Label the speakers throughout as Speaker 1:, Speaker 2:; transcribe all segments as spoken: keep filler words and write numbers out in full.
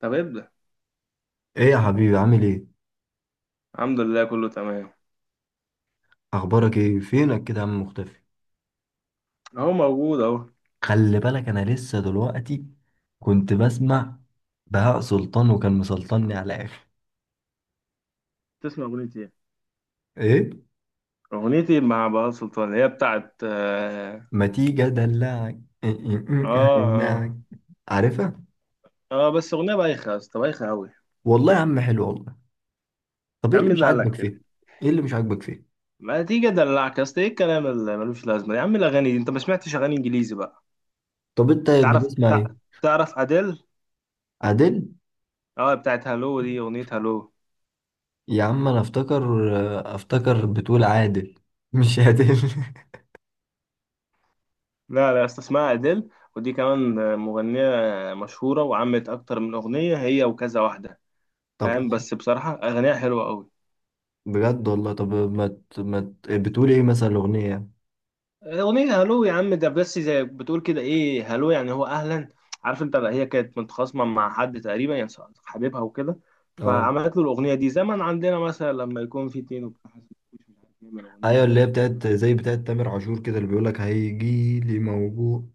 Speaker 1: طب ابدأ.
Speaker 2: ايه يا حبيبي، عامل ايه؟
Speaker 1: الحمد لله كله تمام.
Speaker 2: اخبارك ايه؟ فينك كده يا عم؟ مختفي.
Speaker 1: اهو موجود اهو.
Speaker 2: خلي بالك انا لسه دلوقتي كنت بسمع بهاء سلطان وكان مسلطني على اخر.
Speaker 1: تسمع أغنية إيه؟
Speaker 2: ايه؟
Speaker 1: اغنيتي مع بهاء سلطان اللي هي بتاعت اه
Speaker 2: ما تيجي ادلعك. إيه إيه إيه. أدلعك.
Speaker 1: اه,
Speaker 2: عارفها؟
Speaker 1: آه آه، بس اغنية بايخة يا اسطى بايخة اوي.
Speaker 2: والله يا عم حلو والله. طب
Speaker 1: يا
Speaker 2: ايه اللي
Speaker 1: عم
Speaker 2: مش
Speaker 1: اللي قالك
Speaker 2: عاجبك
Speaker 1: كده
Speaker 2: فيها؟ ايه اللي مش عاجبك فيها؟
Speaker 1: ما تيجي ادلعك يا اسطى، ايه الكلام اللي ملوش لازمة يا عم؟ الاغاني دي انت ما سمعتش اغاني انجليزي بقى؟
Speaker 2: طب انت
Speaker 1: تعرف
Speaker 2: بتسمع
Speaker 1: تع-
Speaker 2: ايه؟
Speaker 1: تعرف اديل؟
Speaker 2: عادل.
Speaker 1: اه بتاعت هالو، دي اغنية هالو.
Speaker 2: يا عم انا افتكر افتكر بتقول عادل، مش عادل.
Speaker 1: لا لا يا اسطى اسمها اديل، ودي كمان آه، مغنية مشهورة وعملت اكتر من اغنية هي وكذا واحدة.
Speaker 2: طب
Speaker 1: فاهم،
Speaker 2: حلو.
Speaker 1: بس بصراحة اغانيها حلوة أوي.
Speaker 2: بجد والله. طب ما ت- ما ت- بتقول ايه مثلا الاغنيه يعني؟
Speaker 1: أغنية هلو يا عم ده بس زي بتقول كده إيه، هلو يعني هو أهلا. عارف أنت بقى هي كانت متخاصمة مع حد تقريبا يعني، حبيبها وكده.
Speaker 2: اه.
Speaker 1: فعملت له الأغنية دي. زمن عندنا مثلا لما يكون في اتنين وبتاع حاسس مش عارف يعمل أغنية
Speaker 2: ايوه
Speaker 1: هنا
Speaker 2: اللي هي
Speaker 1: ولا هنا.
Speaker 2: بتاعت زي بتاعت تامر عاشور كده اللي بيقولك هيجي لي موجوع.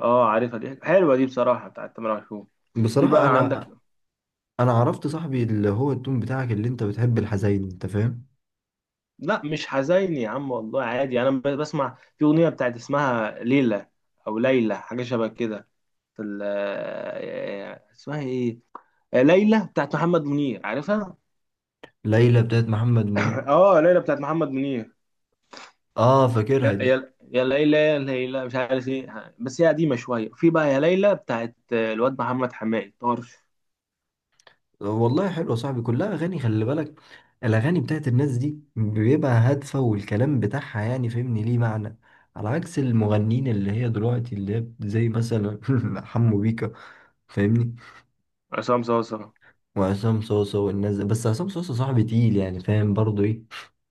Speaker 1: أه عارفها دي، حلوة دي بصراحة بتاعت تامر عاشور. في
Speaker 2: بصراحة
Speaker 1: بقى عندك.
Speaker 2: انا انا عرفت صاحبي اللي هو التون بتاعك اللي انت بتحب الحزين، انت فاهم.
Speaker 1: لا مش حزيني يا عم والله عادي، أنا ب- بسمع في أغنية بتاعت اسمها ليلى، أو ليلى حاجة شبه كده. في ال- آه، آه، آه، اسمها إيه، آه، ليلى بتاعت محمد منير، عارفها؟
Speaker 2: ليلى بتاعت محمد منير.
Speaker 1: اه ليلى بتاعت محمد منير.
Speaker 2: اه فاكرها
Speaker 1: يا
Speaker 2: دي.
Speaker 1: يا يا ليلى يا ليلى مش عارف ايه، بس هي قديمه شويه. في بقى يا ليلى بتاعت الواد محمد حماقي طرش.
Speaker 2: والله حلوة صاحبي، كلها اغاني خلي بالك. الاغاني بتاعت الناس دي بيبقى هادفة والكلام بتاعها يعني فهمني ليه معنى، على عكس المغنيين اللي هي دلوقتي، اللي هي زي مثلا حمو بيكا فاهمني،
Speaker 1: عصام صاصا.
Speaker 2: وعصام صوصة والناس دي. بس عصام صوصة صاحبي تقيل، يعني فاهم برضه ايه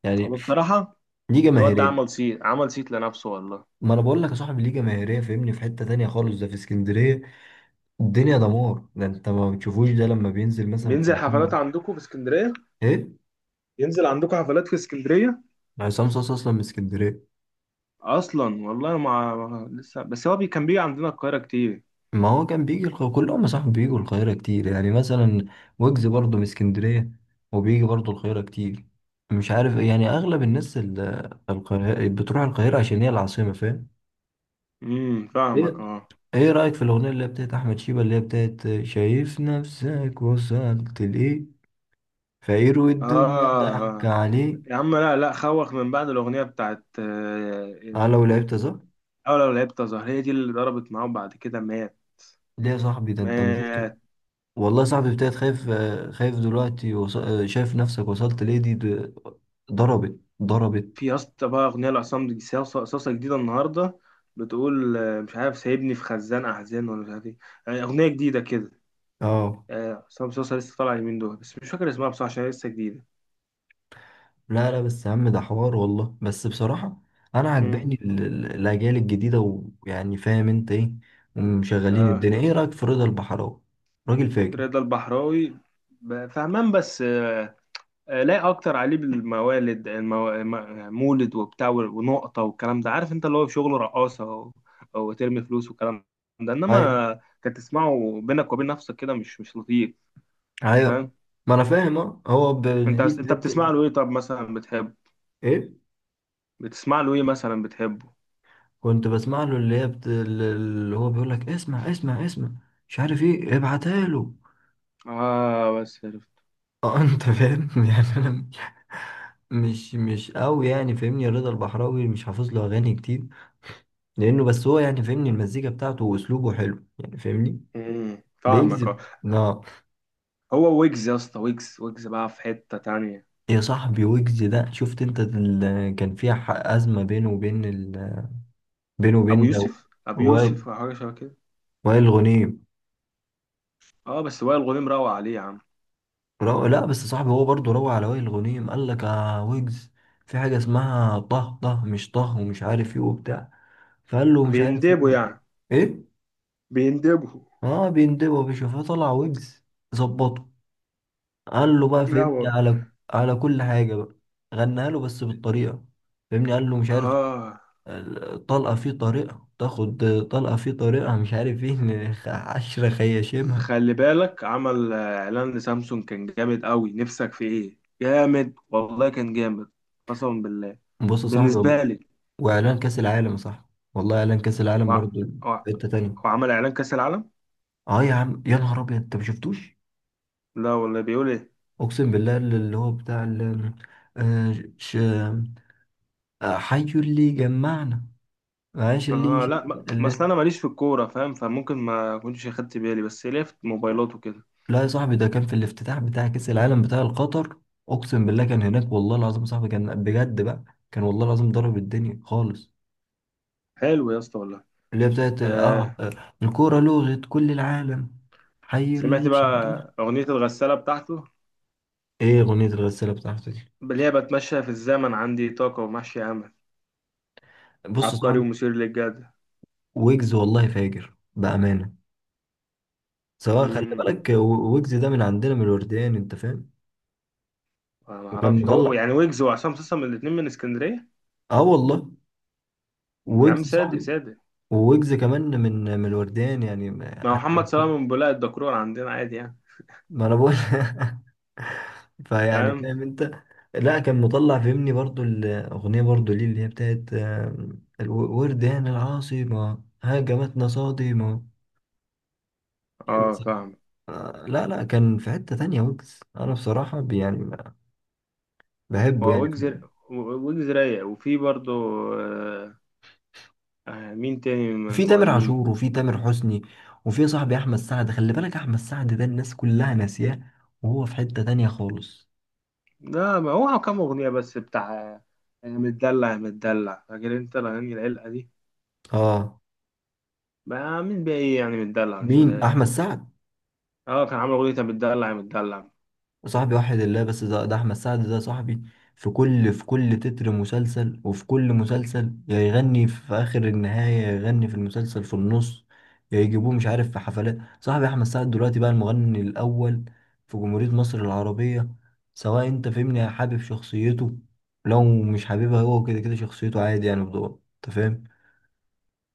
Speaker 2: يعني،
Speaker 1: هو بصراحة
Speaker 2: ليه
Speaker 1: الواد ده
Speaker 2: جماهيريه.
Speaker 1: عمل صيت، عمل صيت لنفسه والله.
Speaker 2: ما انا بقول لك يا صاحبي ليه جماهيريه، فاهمني في حته تانية خالص، ده في اسكندريه الدنيا دمار. ده انت ما بتشوفوش ده لما بينزل مثلا في
Speaker 1: بينزل حفلات
Speaker 2: مكان.
Speaker 1: عندكم في اسكندرية؟
Speaker 2: ايه؟
Speaker 1: ينزل عندكم حفلات في اسكندرية؟
Speaker 2: عصام صاصا اصلا من اسكندريه.
Speaker 1: اصلا والله ما ما- لسه، بس هو بي كان بيجي عندنا القاهره كتير.
Speaker 2: ما هو كان بيجي الق...، كلهم يا صاحبي بيجوا القاهره كتير، يعني مثلا ويجز برضه من اسكندريه وبيجي برضه القاهره كتير. مش عارف يعني اغلب الناس ال- القاهره، بتروح القاهره عشان هي العاصمه فاهم.
Speaker 1: امم فاهمك
Speaker 2: ايه؟
Speaker 1: اه.
Speaker 2: ايه رايك في الاغنيه اللي هي بتاعت احمد شيبه اللي هي بتاعت شايف نفسك وصلت لايه؟ فيروي
Speaker 1: آه
Speaker 2: الدنيا ضحك
Speaker 1: آه.
Speaker 2: عليه.
Speaker 1: يا عم لا لا خوخ، من بعد الأغنية بتاعت آه،
Speaker 2: اه لو لعبت صح.
Speaker 1: أو لو لعبت أزهر، هي دي اللي ضربت معاه وبعد كده مات.
Speaker 2: ليه يا صاحبي؟ ده انت ما شفتش.
Speaker 1: مات.
Speaker 2: والله يا صاحبي ابتديت خايف، آه، خايف دلوقتي، وص...، آه، شايف نفسك وصلت ليه دي د-. ضربت ضربت.
Speaker 1: في يا اسطى بقى أغنية لعصام دي صاصة صاصة جديدة النهاردة، بتقول آه، مش عارف سايبني في خزان أحزان ولا مش عارف إيه، آه، أغنية جديدة كده،
Speaker 2: اه.
Speaker 1: آه، عصام صاصة لسه طالعة اليومين دول، بس مش فاكر اسمها بصراحة عشان هي لسه جديدة.
Speaker 2: لا لا بس يا عم، ده حوار والله. بس بصراحة انا
Speaker 1: مم.
Speaker 2: عجباني ال- ال- الاجيال الجديدة، ويعني فاهم انت ايه، ومشغلين
Speaker 1: آه،
Speaker 2: الدنيا. ايه رأيك في رضا البحراوي؟ راجل فاجر.
Speaker 1: رضا البحراوي ب- فهمان، بس آه، آه، لا اكتر عليه بالموالد المو... م- مولد وبتاع ونقطه والكلام ده، عارف انت اللي هو شغل رقاصه و... وترمي فلوس والكلام ده،
Speaker 2: ايوه.
Speaker 1: انما كانت تسمعه بينك وبين نفسك كده مش مش لطيف.
Speaker 2: ايوه.
Speaker 1: فاهم.
Speaker 2: ما انا فاهم اه هو ب-
Speaker 1: انت
Speaker 2: ليه في
Speaker 1: انت بتسمع
Speaker 2: حتة.
Speaker 1: له ايه؟ طب مثلا بتحبه؟
Speaker 2: ايه؟
Speaker 1: بتسمع له ايه مثلا بتحبه؟
Speaker 2: كنت بسمع له اللي هي بت...، اللي هو بيقول لك اسمع اسمع اسمع مش عارف ايه ابعتها له.
Speaker 1: اه بس عرفت.
Speaker 2: اه انت فاهم. يعني انا مش مش قوي يعني فاهمني. رضا البحراوي مش حافظ له اغاني كتير، لانه بس هو يعني فاهمني المزيكا بتاعته واسلوبه حلو يعني فاهمني،
Speaker 1: امم فاهمك اه.
Speaker 2: بيجذب. اه.
Speaker 1: هو ويجز يا اسطى، ويجز ويجز بقى في حته تانية.
Speaker 2: يا صاحبي ويجز ده، شفت انت ال...؟ كان في ح- ازمه بينه وبين ال...، بينه
Speaker 1: ابو
Speaker 2: وبين لو-
Speaker 1: يوسف، ابو
Speaker 2: وائل،
Speaker 1: يوسف او حاجه شبه كده.
Speaker 2: وائل غنيم.
Speaker 1: اه بس وائل غنيم روق عليه يا عم.
Speaker 2: رو...، لا بس صاحبي هو برضه روى على وائل الغنيم، قال لك يا ويجز في حاجة اسمها طه طه مش طه ومش عارف ايه وبتاع، فقال له مش عارف ايه.
Speaker 1: بيندبوا يعني.
Speaker 2: ايه؟
Speaker 1: بيندبوا.
Speaker 2: اه بيندبوا يا باشا، فطلع ويجز ظبطه، قال له بقى
Speaker 1: لا
Speaker 2: فهمني
Speaker 1: هو
Speaker 2: على، على كل حاجة بقى، غناها له بس بالطريقة فهمني. قال له مش عارف
Speaker 1: اه.
Speaker 2: طلقة في طريقة تاخد، طلقة في طريقة مش عارف ايه، إن خ- عشرة
Speaker 1: بس
Speaker 2: خياشيمها.
Speaker 1: خلي بالك عمل آه، اعلان لسامسونج كان جامد قوي، نفسك في ايه جامد، والله كان جامد. قسما بالله.
Speaker 2: بص يا صاحبي والله-،
Speaker 1: بالنسبه لي،
Speaker 2: وإعلان كأس العالم يا صاحبي، والله إعلان كأس العالم
Speaker 1: وع...
Speaker 2: برضه
Speaker 1: وع...
Speaker 2: في حتة تانية.
Speaker 1: وعمل اعلان كاس العالم.
Speaker 2: اه يا عم، يا نهار ابيض، انت ما شفتوش؟
Speaker 1: لا والله بيقول ايه؟
Speaker 2: اقسم بالله اللي هو بتاع ال، آه، ش...، آه، حي اللي جمعنا، معلش اللي,
Speaker 1: اه
Speaker 2: ش...،
Speaker 1: لا ما ما اصل
Speaker 2: اللي.
Speaker 1: انا ماليش في الكوره فاهم، فممكن ما كنتش اخدت بالي، بس ليه في موبايلات وكده.
Speaker 2: لا يا صاحبي ده كان في الافتتاح بتاع كأس العالم بتاع القطر. اقسم بالله كان هناك، والله العظيم يا صاحبي كان بجد بقى، كان والله العظيم ضرب الدنيا خالص.
Speaker 1: حلو يا اسطى والله.
Speaker 2: اللي هي بتاعت، اه،
Speaker 1: آه.
Speaker 2: آه، الكورة لغت كل العالم، حي
Speaker 1: سمعت
Speaker 2: اللي
Speaker 1: بقى
Speaker 2: شجع.
Speaker 1: اغنيه الغساله بتاعته،
Speaker 2: ايه اغنية الغسالة بتاعته دي؟
Speaker 1: اللي هي بتمشى في الزمن، عندي طاقه ومحشي امل،
Speaker 2: بص يا
Speaker 1: عبقري
Speaker 2: صاحبي،
Speaker 1: ومثير للجدل.
Speaker 2: ويجز والله فاجر بأمانة سواء خلي بالك. و- ويجز ده من عندنا من الورديان، انت فاهم.
Speaker 1: أنا ما
Speaker 2: وكان
Speaker 1: اعرفش هو
Speaker 2: مطلع،
Speaker 1: يعني، ويجز وعصام صاصا الاثنين من اسكندريه؟
Speaker 2: اه والله
Speaker 1: يا عم
Speaker 2: ويجز
Speaker 1: سادة
Speaker 2: صاحبي.
Speaker 1: سادة.
Speaker 2: ويجز كمان من من الورديان يعني،
Speaker 1: ما
Speaker 2: ما-
Speaker 1: هو
Speaker 2: حتى لو.
Speaker 1: محمد صلاح من بولاق الدكرور عندنا عادي يعني.
Speaker 2: ما انا بقول فيعني
Speaker 1: فاهم.
Speaker 2: فاهم انت. لا كان مطلع فهمني برضو الاغنيه برضو ليه اللي هي بتاعت، آم، الو- ورديان العاصمه هاجمتنا صادمه.
Speaker 1: اه فاهم.
Speaker 2: آه، لا لا، كان في حته تانية. ويجز انا بصراحه يعني بحبه
Speaker 1: هو
Speaker 2: يعني.
Speaker 1: ويجز، ويجز رايق. وفي برضه آه، آه، مين تاني من
Speaker 2: في تامر
Speaker 1: المغنيين؟
Speaker 2: عاشور، وفي تامر حسني، وفي صاحبي احمد سعد. خلي بالك احمد سعد ده الناس كلها ناسياه، وهو في حتة تانية خالص.
Speaker 1: لا ما هو كام اغنيه بس بتاع آه، متدلع يا متدلع، فاكر انت الاغاني العلقه دي؟
Speaker 2: اه،
Speaker 1: بقى مين بقى ايه يعني متدلع مش
Speaker 2: مين؟
Speaker 1: اه.
Speaker 2: احمد سعد
Speaker 1: آه، كان عامل اغنيه متدلع يا متدلع.
Speaker 2: صاحبي وحد الله، بس ده, ده احمد سعد ده صاحبي. في كل في كل تتر مسلسل، وفي كل مسلسل يا يغني في اخر النهاية، يا يغني في المسلسل في النص، يا يجيبوه مش عارف في حفلات. صاحبي احمد سعد دلوقتي بقى المغني الاول في جمهورية مصر العربية، سواء انت فهمني حابب شخصيته، لو مش حاببها هو كده كده شخصيته عادي يعني بدور انت فاهم،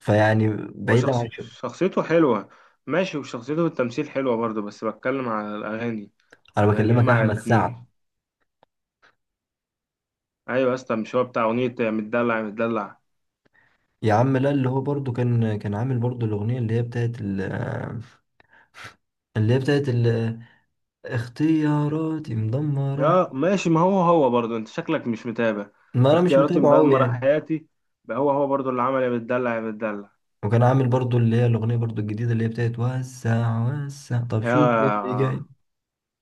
Speaker 2: فيعني
Speaker 1: هو
Speaker 2: بعيدا
Speaker 1: شخص
Speaker 2: عن شو.
Speaker 1: شخصيته حلوة ماشي، وشخصيته في التمثيل حلوة برضه، بس بتكلم على الأغاني.
Speaker 2: انا
Speaker 1: الأغاني
Speaker 2: بكلمك
Speaker 1: ما
Speaker 2: احمد سعد.
Speaker 1: عجبتنيش. أيوة يا اسطى مش هو بتاع أغنية يا متدلع يا متدلع؟
Speaker 2: يا عم لا، اللي هو برضو كان كان عامل برضو الاغنية اللي هي بتاعت ال، اللي هي بتاعت ال- اختياراتي مدمرة.
Speaker 1: يا ماشي، ما هو هو برضه أنت شكلك مش متابع.
Speaker 2: ما انا مش
Speaker 1: اختياراتي
Speaker 2: متابعه قوي
Speaker 1: مدمرة
Speaker 2: يعني.
Speaker 1: حياتي. بقى هو هو برضه اللي عمل يا متدلع يا متدلع.
Speaker 2: وكان عامل برضو اللي هي الاغنية برضو الجديدة اللي هي بتاعت وسع وسع. طب
Speaker 1: يا
Speaker 2: شوف اللي جاي،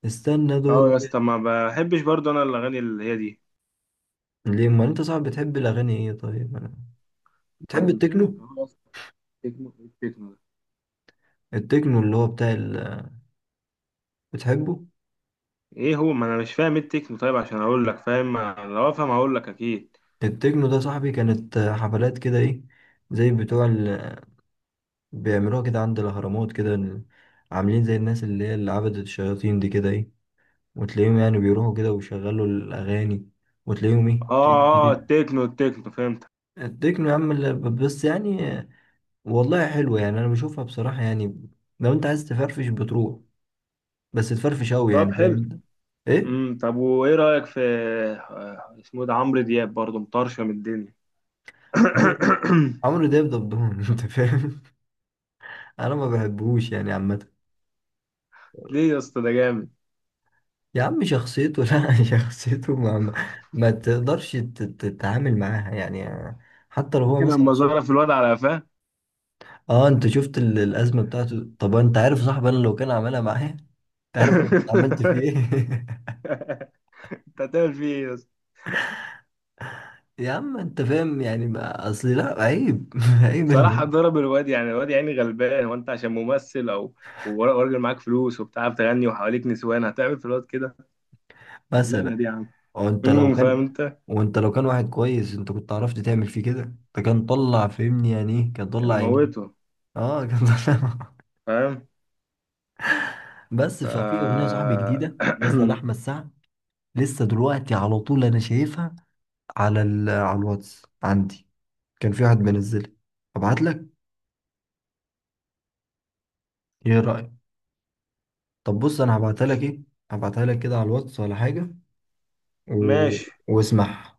Speaker 2: استنى
Speaker 1: اه
Speaker 2: دورك.
Speaker 1: يا اسطى، ما بحبش برضه أنا الأغاني اللي هي دي.
Speaker 2: ليه ما انت صعب بتحب الاغاني ايه؟ طيب انا
Speaker 1: ما
Speaker 2: بتحب
Speaker 1: أنا قلت لك
Speaker 2: التكنو.
Speaker 1: أهو يا اسطى، التكنو، التكنو ده
Speaker 2: التكنو اللي هو بتاع ال...، بتحبه؟
Speaker 1: إيه هو؟ ما أنا مش فاهم إيه التكنو طيب عشان أقول لك فاهم. لو أفهم هقول لك أكيد.
Speaker 2: التكنو ده صاحبي، كانت حفلات كده ايه زي بتوع ال...، بيعملوها كده عند الاهرامات كده، عاملين زي الناس اللي هي اللي عبدت الشياطين دي كده ايه، وتلاقيهم يعني بيروحوا كده ويشغلوا الأغاني، وتلاقيهم إيه،
Speaker 1: اه
Speaker 2: تيت تيت
Speaker 1: اه
Speaker 2: تيت.
Speaker 1: التكنو، التكنو فهمت.
Speaker 2: التكنو يا عم ال- بس يعني، والله حلوة يعني. أنا بشوفها بصراحة يعني، لو أنت عايز تفرفش بتروح، بس تفرفش أوي
Speaker 1: طب
Speaker 2: يعني، فاهم
Speaker 1: حلو.
Speaker 2: أنت. إيه؟
Speaker 1: امم، طب وايه رأيك في آه، اسمه ده عمرو دياب؟ برضه مطرشم الدنيا.
Speaker 2: عمرو، عمرو دياب دبدون أنت فاهم. أنا ما بحبهوش يعني عامة.
Speaker 1: ليه يا اسطى؟ ده جامد.
Speaker 2: يا عم شخصيته لا شخصيته ما, ما ما تقدرش تت- تتعامل معاها يعني، حتى لو هو
Speaker 1: فاكر
Speaker 2: مثلا
Speaker 1: لما
Speaker 2: صوت.
Speaker 1: ظرف الواد على قفاه؟
Speaker 2: اه انت شفت ال- الازمه بتاعته. طب انت عارف صاحبي، انا لو كان عملها معايا، تعرف انا كنت عملت فيه ايه؟
Speaker 1: انت هتعمل فيه ايه يا اسطى؟
Speaker 2: يا عم انت فاهم يعني، ما اصلي لا عيب عيب
Speaker 1: بصراحة
Speaker 2: اللي،
Speaker 1: ضرب الواد يعني، الواد يعني غلبان، هو انت عشان ممثل او ور- وراجل معاك فلوس وبتعرف تغني وحواليك نسوان هتعمل في الواد كده؟
Speaker 2: مثلا،
Speaker 1: شغلانة دي يا عم.
Speaker 2: وانت لو
Speaker 1: امم فاهم
Speaker 2: كان،
Speaker 1: انت.
Speaker 2: وانت لو كان واحد كويس انت كنت عرفت تعمل فيه كده، انت كان طلع فهمني، يعني ايه كان
Speaker 1: كان
Speaker 2: طلع يعني.
Speaker 1: موته.
Speaker 2: اه كان طلع.
Speaker 1: فاهم.
Speaker 2: بس
Speaker 1: ف
Speaker 2: ففي اغنيه صاحبي جديده نازله لاحمد سعد، لسه دلوقتي على طول انا شايفها، على ال...، على الواتس عندي كان في واحد منزلها. ابعت لك، ايه رايك. طب بص انا هبعتها لك ايه، هبعتها لك كده على الواتس ولا حاجه، و...
Speaker 1: ماشي.
Speaker 2: واسمعها.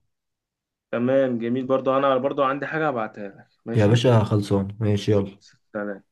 Speaker 1: تمام جميل، برضو انا برضو عندي حاجة هبعتها لك.
Speaker 2: يا
Speaker 1: ماشي،
Speaker 2: باشا خلصان ماشي يلا.
Speaker 1: سلام.